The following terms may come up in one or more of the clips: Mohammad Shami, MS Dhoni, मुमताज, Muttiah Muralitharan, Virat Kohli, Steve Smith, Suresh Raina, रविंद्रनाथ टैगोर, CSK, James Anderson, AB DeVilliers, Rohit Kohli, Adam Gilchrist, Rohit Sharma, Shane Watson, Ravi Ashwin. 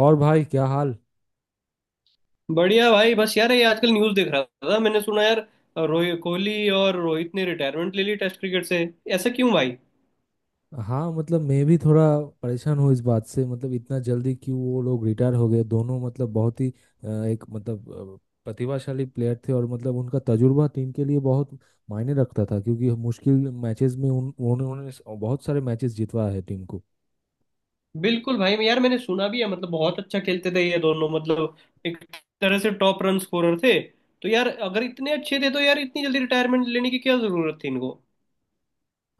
और भाई क्या हाल। बढ़िया भाई, बस यार ये आजकल न्यूज़ देख रहा था। मैंने सुना यार, रोहित कोहली और रोहित ने रिटायरमेंट ले ली टेस्ट क्रिकेट से। ऐसा क्यों भाई? हाँ मतलब मैं भी थोड़ा परेशान हूँ इस बात से, मतलब इतना जल्दी क्यों वो लोग रिटायर हो गए दोनों। मतलब बहुत ही एक मतलब प्रतिभाशाली प्लेयर थे और मतलब उनका तजुर्बा टीम के लिए बहुत मायने रखता था, क्योंकि मुश्किल मैचेस में बहुत सारे मैचेस जितवाया है टीम को। बिल्कुल भाई। मैं यार, मैंने सुना भी है, मतलब बहुत अच्छा खेलते थे ये दोनों, मतलब एक तरह से टॉप रन स्कोरर थे। तो यार अगर इतने अच्छे थे तो यार, इतनी जल्दी रिटायरमेंट लेने की क्या जरूरत थी इनको?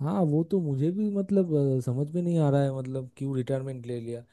हाँ, वो तो मुझे भी मतलब समझ में नहीं आ रहा है मतलब क्यों रिटायरमेंट ले लिया।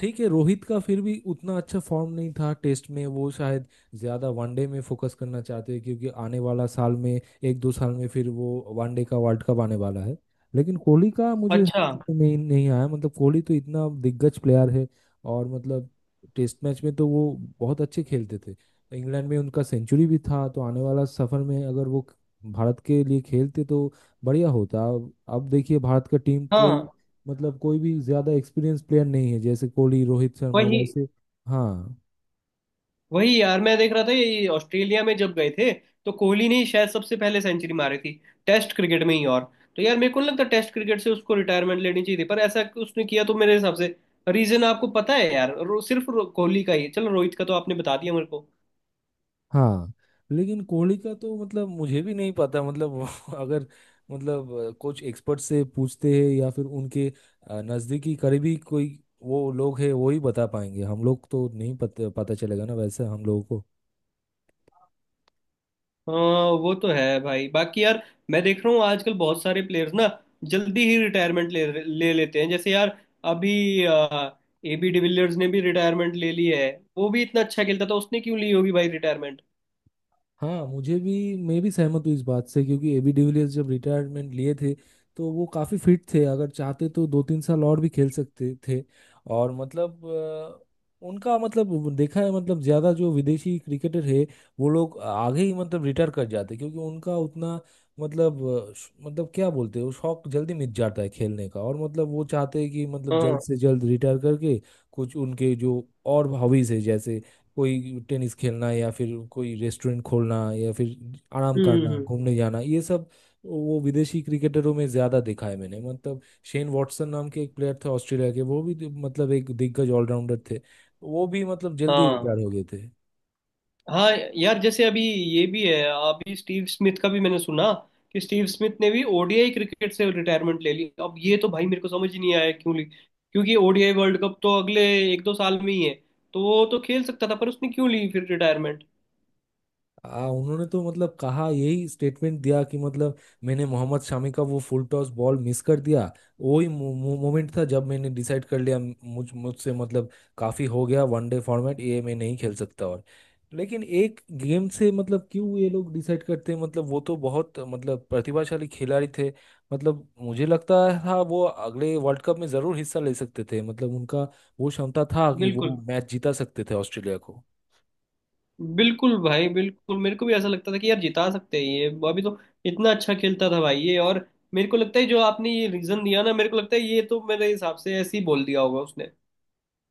ठीक है, रोहित का फिर भी उतना अच्छा फॉर्म नहीं था टेस्ट में, वो शायद ज्यादा वनडे में फोकस करना चाहते हैं क्योंकि आने वाला साल में, 1 2 साल में फिर वो वनडे का वर्ल्ड कप आने वाला है। लेकिन कोहली का मुझे अच्छा। समझ में नहीं नहीं आया, मतलब कोहली तो इतना दिग्गज प्लेयर है। और मतलब टेस्ट मैच में तो वो बहुत अच्छे खेलते थे, इंग्लैंड में उनका सेंचुरी भी था, तो आने वाला सफर में अगर वो भारत के लिए खेलते तो बढ़िया होता। अब देखिए भारत का टीम कोई हाँ, मतलब कोई भी ज्यादा एक्सपीरियंस प्लेयर नहीं है जैसे कोहली रोहित शर्मा वही वैसे। हाँ। वही यार, मैं देख रहा था ये ऑस्ट्रेलिया में जब गए थे, तो कोहली ने ही शायद सबसे पहले सेंचुरी मारी थी टेस्ट क्रिकेट में ही। और तो यार, मेरे को नहीं लगता टेस्ट क्रिकेट से उसको रिटायरमेंट लेनी चाहिए थी, पर ऐसा उसने किया। तो मेरे हिसाब से रीजन आपको पता है यार? कोहली का ही है। चलो रोहित का तो आपने बता दिया मेरे को। हाँ। लेकिन कोहली का तो मतलब मुझे भी नहीं पता, मतलब वो अगर मतलब कुछ एक्सपर्ट से पूछते हैं या फिर उनके नजदीकी करीबी कोई वो लोग है वो ही बता पाएंगे, हम लोग तो नहीं पता, पता चलेगा ना वैसे हम लोगों को। हाँ वो तो है भाई। बाकी यार मैं देख रहा हूँ आजकल बहुत सारे प्लेयर्स ना जल्दी ही रिटायरमेंट ले ले लेते हैं। जैसे यार अभी एबी डिविलियर्स ने भी रिटायरमेंट ले ली है। वो भी इतना अच्छा खेलता था, उसने क्यों ली होगी भाई रिटायरमेंट? हाँ, मुझे भी, मैं भी सहमत हूँ इस बात से, क्योंकि एबी डिविलियर्स जब रिटायरमेंट लिए थे तो वो काफ़ी फिट थे, अगर चाहते तो 2 3 साल और भी खेल सकते थे। और मतलब उनका मतलब वो देखा है, मतलब ज़्यादा जो विदेशी क्रिकेटर है वो लोग आगे ही मतलब रिटायर कर जाते हैं, क्योंकि उनका उतना मतलब मतलब क्या बोलते हैं वो शौक जल्दी मिट जाता है खेलने का, और मतलब वो चाहते हैं कि मतलब जल्द से जल्द रिटायर करके कुछ उनके जो और हॉबीज है जैसे कोई टेनिस खेलना, या फिर कोई रेस्टोरेंट खोलना, या फिर आराम करना, हम्म। घूमने जाना ये सब। वो विदेशी क्रिकेटरों में ज्यादा देखा है मैंने, मतलब शेन वॉटसन नाम के एक प्लेयर थे ऑस्ट्रेलिया के, वो भी मतलब एक दिग्गज ऑलराउंडर थे, वो भी मतलब जल्दी हाँ रिटायर हो गए थे। हाँ। यार जैसे अभी ये भी है, अभी स्टीव स्मिथ का भी मैंने सुना कि स्टीव स्मिथ ने भी ओडीआई क्रिकेट से रिटायरमेंट ले ली। अब ये तो भाई मेरे को समझ ही नहीं आया क्यों ली, क्योंकि ओडीआई वर्ल्ड कप तो अगले एक दो साल में ही है। तो वो तो खेल सकता था, पर उसने क्यों ली फिर रिटायरमेंट? उन्होंने तो मतलब कहा, यही स्टेटमेंट दिया कि मतलब मैंने मोहम्मद शामी का वो फुल टॉस बॉल मिस कर दिया, वही मोमेंट था जब मैंने डिसाइड कर लिया मुझसे मतलब काफी हो गया वनडे फॉर्मेट, ये मैं नहीं खेल सकता। और लेकिन एक गेम से मतलब क्यों ये लोग डिसाइड करते हैं, मतलब वो तो बहुत मतलब प्रतिभाशाली खिलाड़ी थे। मतलब मुझे लगता था वो अगले वर्ल्ड कप में जरूर हिस्सा ले सकते थे, मतलब उनका वो क्षमता था कि वो बिल्कुल मैच जीता सकते थे ऑस्ट्रेलिया को। बिल्कुल भाई, बिल्कुल। मेरे को भी ऐसा लगता था कि यार जिता सकते हैं ये, अभी तो इतना अच्छा खेलता था भाई ये। और मेरे को लगता है जो आपने ये रीजन दिया ना, मेरे को लगता है ये तो मेरे हिसाब से ऐसे ही बोल दिया होगा उसने।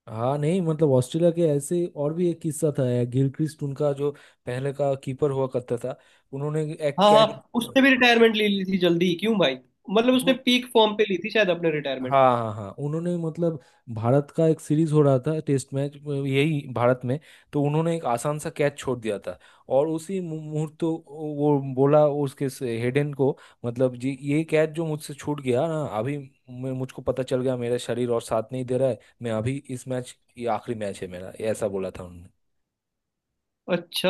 हाँ, नहीं मतलब ऑस्ट्रेलिया के ऐसे और भी एक किस्सा था यार, गिलक्रिस्ट उनका जो पहले का कीपर हुआ करता था, उन्होंने एक हाँ कैच हाँ। उसने भी रिटायरमेंट ले ली थी जल्दी, क्यों भाई? मतलब उसने उन्हों- पीक फॉर्म पे ली थी शायद अपने रिटायरमेंट। हाँ हाँ हाँ, उन्होंने मतलब भारत का एक सीरीज हो रहा था टेस्ट मैच, यही भारत में, तो उन्होंने एक आसान सा कैच छोड़ दिया था और उसी मुहूर्त तो वो बोला उसके, हेडन को, मतलब जी ये कैच जो मुझसे छूट गया ना अभी, मुझको पता चल गया मेरा शरीर और साथ नहीं दे रहा है, मैं अभी इस मैच, ये आखिरी मैच है मेरा, ये ऐसा बोला था। अच्छा।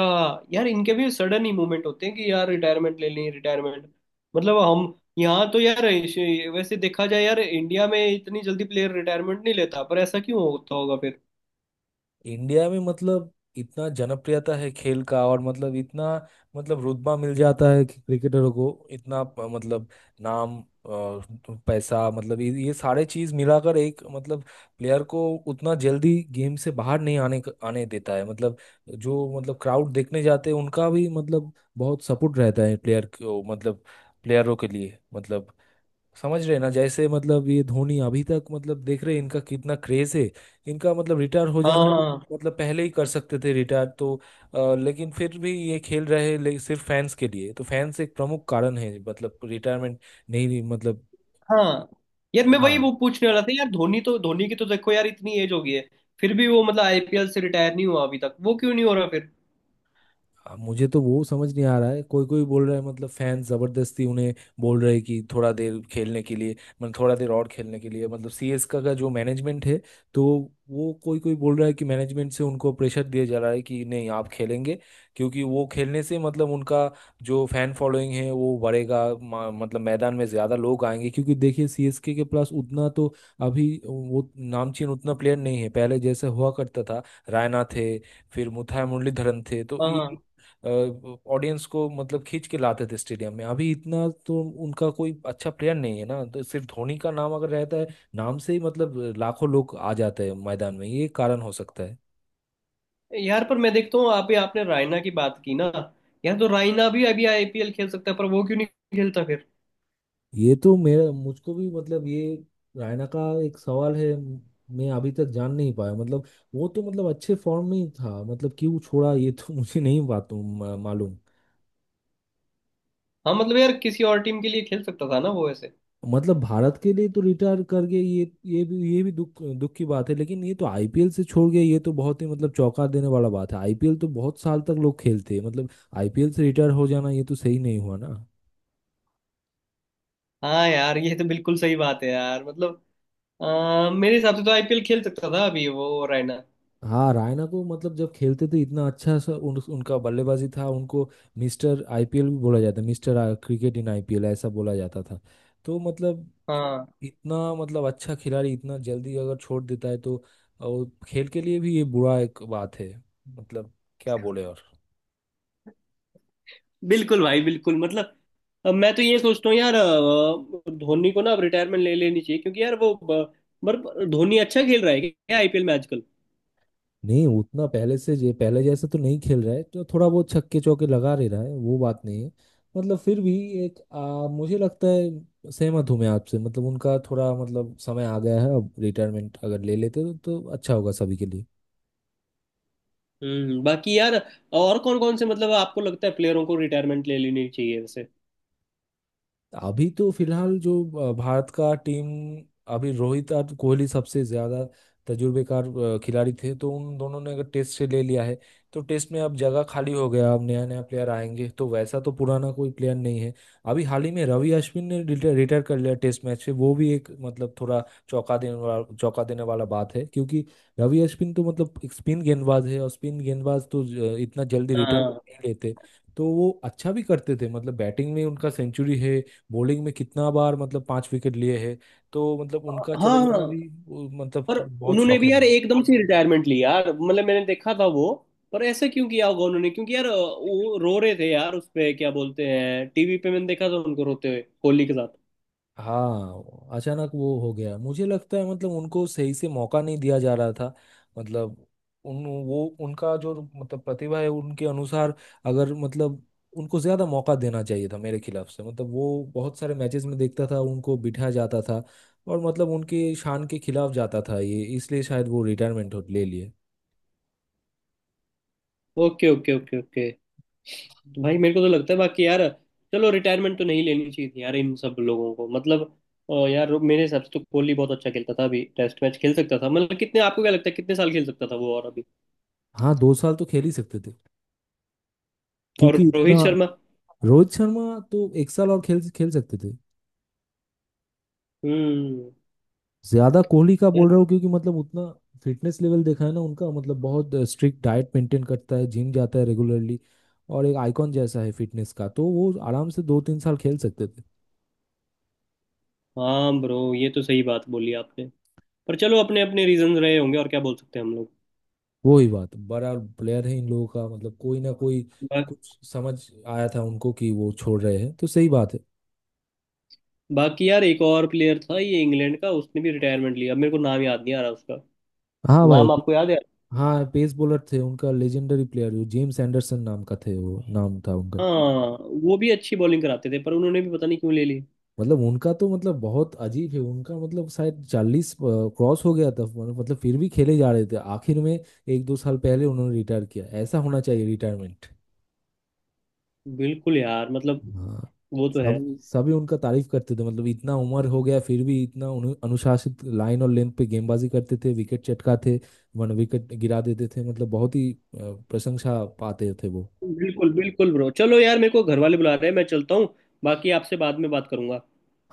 यार इनके भी सडन ही मूवमेंट होते हैं कि यार रिटायरमेंट ले लें रिटायरमेंट। मतलब हम यहाँ तो यार वैसे देखा जाए यार, इंडिया में इतनी जल्दी प्लेयर रिटायरमेंट नहीं लेता, पर ऐसा क्यों होता होगा फिर? इंडिया में मतलब इतना जनप्रियता है खेल का, और मतलब इतना मतलब रुतबा मिल जाता है कि क्रिकेटरों को, इतना मतलब नाम, अ, पैसा, मतलब ये सारे चीज मिलाकर एक मतलब प्लेयर को उतना जल्दी गेम से बाहर नहीं आने देता है। मतलब जो मतलब क्राउड देखने जाते हैं उनका भी मतलब बहुत सपोर्ट रहता है प्लेयर को, मतलब प्लेयरों के लिए मतलब समझ रहे हैं ना। जैसे मतलब ये धोनी अभी तक मतलब देख रहे हैं इनका कितना क्रेज है, इनका मतलब रिटायर हो जाना तो हाँ मतलब पहले ही कर सकते थे रिटायर तो, लेकिन फिर भी ये खेल रहे हैं सिर्फ फैंस के लिए, तो फैंस एक प्रमुख कारण है मतलब रिटायरमेंट नहीं नहीं, मतलब। हाँ हाँ। यार मैं वही हाँ। वो पूछने वाला था यार, धोनी तो धोनी की तो देखो यार, इतनी एज हो गई है फिर भी वो मतलब आईपीएल से रिटायर नहीं हुआ अभी तक, वो क्यों नहीं हो रहा फिर? मुझे तो वो समझ नहीं आ रहा है, कोई कोई बोल रहा है मतलब फैन जबरदस्ती उन्हें बोल रहे हैं कि थोड़ा देर खेलने के लिए, मतलब थोड़ा देर और खेलने के लिए, मतलब सीएसके का जो मैनेजमेंट है, तो वो कोई कोई बोल रहा है कि मैनेजमेंट से उनको प्रेशर दिया जा रहा है कि नहीं आप खेलेंगे, क्योंकि वो खेलने से मतलब उनका जो फैन फॉलोइंग है वो बढ़ेगा, मतलब मैदान में ज्यादा लोग आएंगे, क्योंकि देखिए सीएसके के पास उतना तो अभी वो नामचीन उतना प्लेयर नहीं है पहले जैसे हुआ करता था। रायना थे, फिर मुथाई मुरलीधरन थे, तो हाँ हाँ। ये ऑडियंस को मतलब खींच के लाते थे स्टेडियम में। अभी इतना तो उनका कोई अच्छा प्लेयर नहीं है ना, तो सिर्फ धोनी का नाम अगर रहता है, नाम से ही मतलब लाखों लोग आ जाते हैं मैदान में, ये कारण हो सकता है। यार पर मैं देखता हूँ आप आपने रायना की बात की ना, यार तो रायना भी अभी आईपीएल खेल सकता है, पर वो क्यों नहीं खेलता फिर? ये तो मेरा, मुझको भी मतलब ये रायना का एक सवाल है, मैं अभी तक जान नहीं पाया मतलब, वो तो मतलब अच्छे फॉर्म में ही था, मतलब क्यों छोड़ा ये तो मुझे नहीं बात मालूम। हाँ मतलब यार किसी और टीम के लिए खेल सकता था ना वो ऐसे। मतलब भारत के लिए तो रिटायर कर गए, ये भी दुख दुख की बात है, लेकिन ये तो आईपीएल से छोड़ गए, ये तो बहुत ही मतलब चौंका देने वाला बात है, आईपीएल तो बहुत साल तक लोग खेलते हैं, मतलब आईपीएल से रिटायर हो जाना ये तो सही नहीं हुआ ना। हाँ यार ये तो बिल्कुल सही बात है यार। मतलब मेरे हिसाब से तो आईपीएल खेल सकता था अभी वो रायना। हाँ, रायना को मतलब जब खेलते थे इतना अच्छा सा उनका बल्लेबाजी था, उनको मिस्टर आईपीएल भी बोला जाता, मिस्टर क्रिकेट इन आईपीएल ऐसा बोला जाता था, तो मतलब हाँ इतना मतलब अच्छा खिलाड़ी इतना जल्दी अगर छोड़ देता है तो वो खेल के लिए भी ये बुरा एक बात है, मतलब क्या बोले। बिल्कुल भाई, बिल्कुल। मतलब अब मैं तो ये सोचता हूँ यार, धोनी को ना अब रिटायरमेंट ले लेनी चाहिए क्योंकि यार वो पर धोनी अच्छा खेल रहा है क्या आईपीएल में आजकल? नहीं उतना पहले से, जे पहले जैसे तो नहीं खेल रहा है, तो थोड़ा बहुत छक्के चौके लगा ले रहा है, वो बात नहीं है। मतलब फिर भी एक मुझे लगता है सहमत हूँ मैं आपसे, मतलब उनका थोड़ा मतलब समय आ गया है, अब रिटायरमेंट अगर ले लेते तो अच्छा होगा सभी के लिए। हम्म। बाकी यार और कौन कौन से मतलब आपको लगता है प्लेयरों को रिटायरमेंट ले लेनी चाहिए वैसे? अभी तो फिलहाल जो भारत का टीम, अभी रोहित और कोहली सबसे ज्यादा तजुर्बेकार खिलाड़ी थे, तो उन दोनों ने अगर टेस्ट से ले लिया है, तो टेस्ट में अब जगह खाली हो गया, अब नया नया प्लेयर आएंगे, तो वैसा तो पुराना कोई प्लेयर नहीं है। अभी हाल ही में रवि अश्विन ने रिटायर कर लिया टेस्ट मैच से, वो भी एक मतलब थोड़ा चौंका देने वाला बात है, क्योंकि रवि अश्विन तो मतलब एक स्पिन गेंदबाज है, और स्पिन गेंदबाज तो इतना जल्दी रिटायर हाँ नहीं लेते, तो वो अच्छा भी करते थे, मतलब बैटिंग में उनका सेंचुरी है, बॉलिंग में कितना बार मतलब पांच विकेट लिए हैं, तो मतलब उनका हाँ चले जाना हाँ। भी वो मतलब पर बहुत उन्होंने भी शॉकिंग यार है। एकदम से रिटायरमेंट ली यार, मतलब मैंने देखा था वो। पर ऐसे क्यों किया होगा उन्होंने, क्योंकि यार वो रो रहे थे यार उस पे, क्या बोलते हैं, टीवी पे मैंने देखा था उनको रोते हुए कोहली के साथ। हाँ, अचानक वो हो गया, मुझे लगता है मतलब उनको सही से मौका नहीं दिया जा रहा था, मतलब उन वो उनका जो मतलब प्रतिभा है उनके अनुसार अगर मतलब उनको ज्यादा मौका देना चाहिए था मेरे खिलाफ से, मतलब वो बहुत सारे मैचेस में देखता था उनको बिठा जाता था, और मतलब उनके शान के खिलाफ जाता था ये, इसलिए शायद वो रिटायरमेंट ले लिए। Okay okay okay okay. भाई मेरे को तो लगता है, बाकी यार चलो रिटायरमेंट तो नहीं लेनी चाहिए थी यार इन सब लोगों को। मतलब यार मेरे हिसाब से तो कोहली बहुत अच्छा खेलता था, अभी टेस्ट मैच खेल सकता था। मतलब कितने, आपको क्या लगता है कितने साल खेल सकता था वो? और अभी हाँ, 2 साल तो खेल ही सकते थे और क्योंकि इतना, रोहित शर्मा? रोहित शर्मा तो 1 साल और खेल खेल सकते थे। हम्म। ज्यादा कोहली का यार। बोल रहा हूँ क्योंकि मतलब उतना फिटनेस लेवल देखा है ना उनका, मतलब बहुत स्ट्रिक्ट डाइट मेंटेन करता है, जिम जाता है रेगुलरली, और एक आइकॉन जैसा है फिटनेस का, तो वो आराम से 2 3 साल खेल सकते थे। हाँ ब्रो ये तो सही बात बोली आपने। पर चलो अपने अपने रीजन रहे होंगे, और क्या बोल सकते हैं हम लोग। वो ही बात, बड़ा प्लेयर है इन लोगों का, मतलब कोई ना कोई बा, कुछ समझ आया था उनको कि वो छोड़ रहे हैं, तो सही बात है। बाकी यार एक और प्लेयर था ये इंग्लैंड का, उसने भी रिटायरमेंट लिया। अब मेरे को नाम याद नहीं आ रहा उसका, हाँ भाई। नाम आपको याद है? हाँ, पेस बॉलर थे उनका, लेजेंडरी प्लेयर जो जेम्स एंडरसन नाम का थे, वो नाम था उनका। हाँ वो भी अच्छी बॉलिंग कराते थे, पर उन्होंने भी पता नहीं क्यों ले ली। मतलब उनका तो मतलब बहुत अजीब है, उनका मतलब शायद 40 क्रॉस हो गया था, मतलब फिर भी खेले जा रहे थे आखिर में, 1 2 साल पहले उन्होंने रिटायर किया, ऐसा होना चाहिए रिटायरमेंट। बिल्कुल यार, मतलब हाँ, वो तो सब है। सभी उनका तारीफ करते थे, मतलब इतना उम्र हो गया फिर भी इतना उन्हें अनुशासित लाइन और लेंथ पे गेंदबाजी करते थे, विकेट चटकाते, वन विकेट गिरा देते थे, मतलब बहुत ही प्रशंसा पाते थे वो। बिल्कुल बिल्कुल ब्रो। चलो यार मेरे को घर वाले बुला रहे हैं, मैं चलता हूँ। बाकी आपसे बाद में बात करूंगा।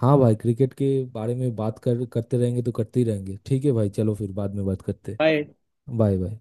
हाँ भाई, क्रिकेट के बारे में बात कर करते रहेंगे तो करते ही रहेंगे, ठीक है भाई, चलो फिर बाद में बात करते। बाय। Bye bye.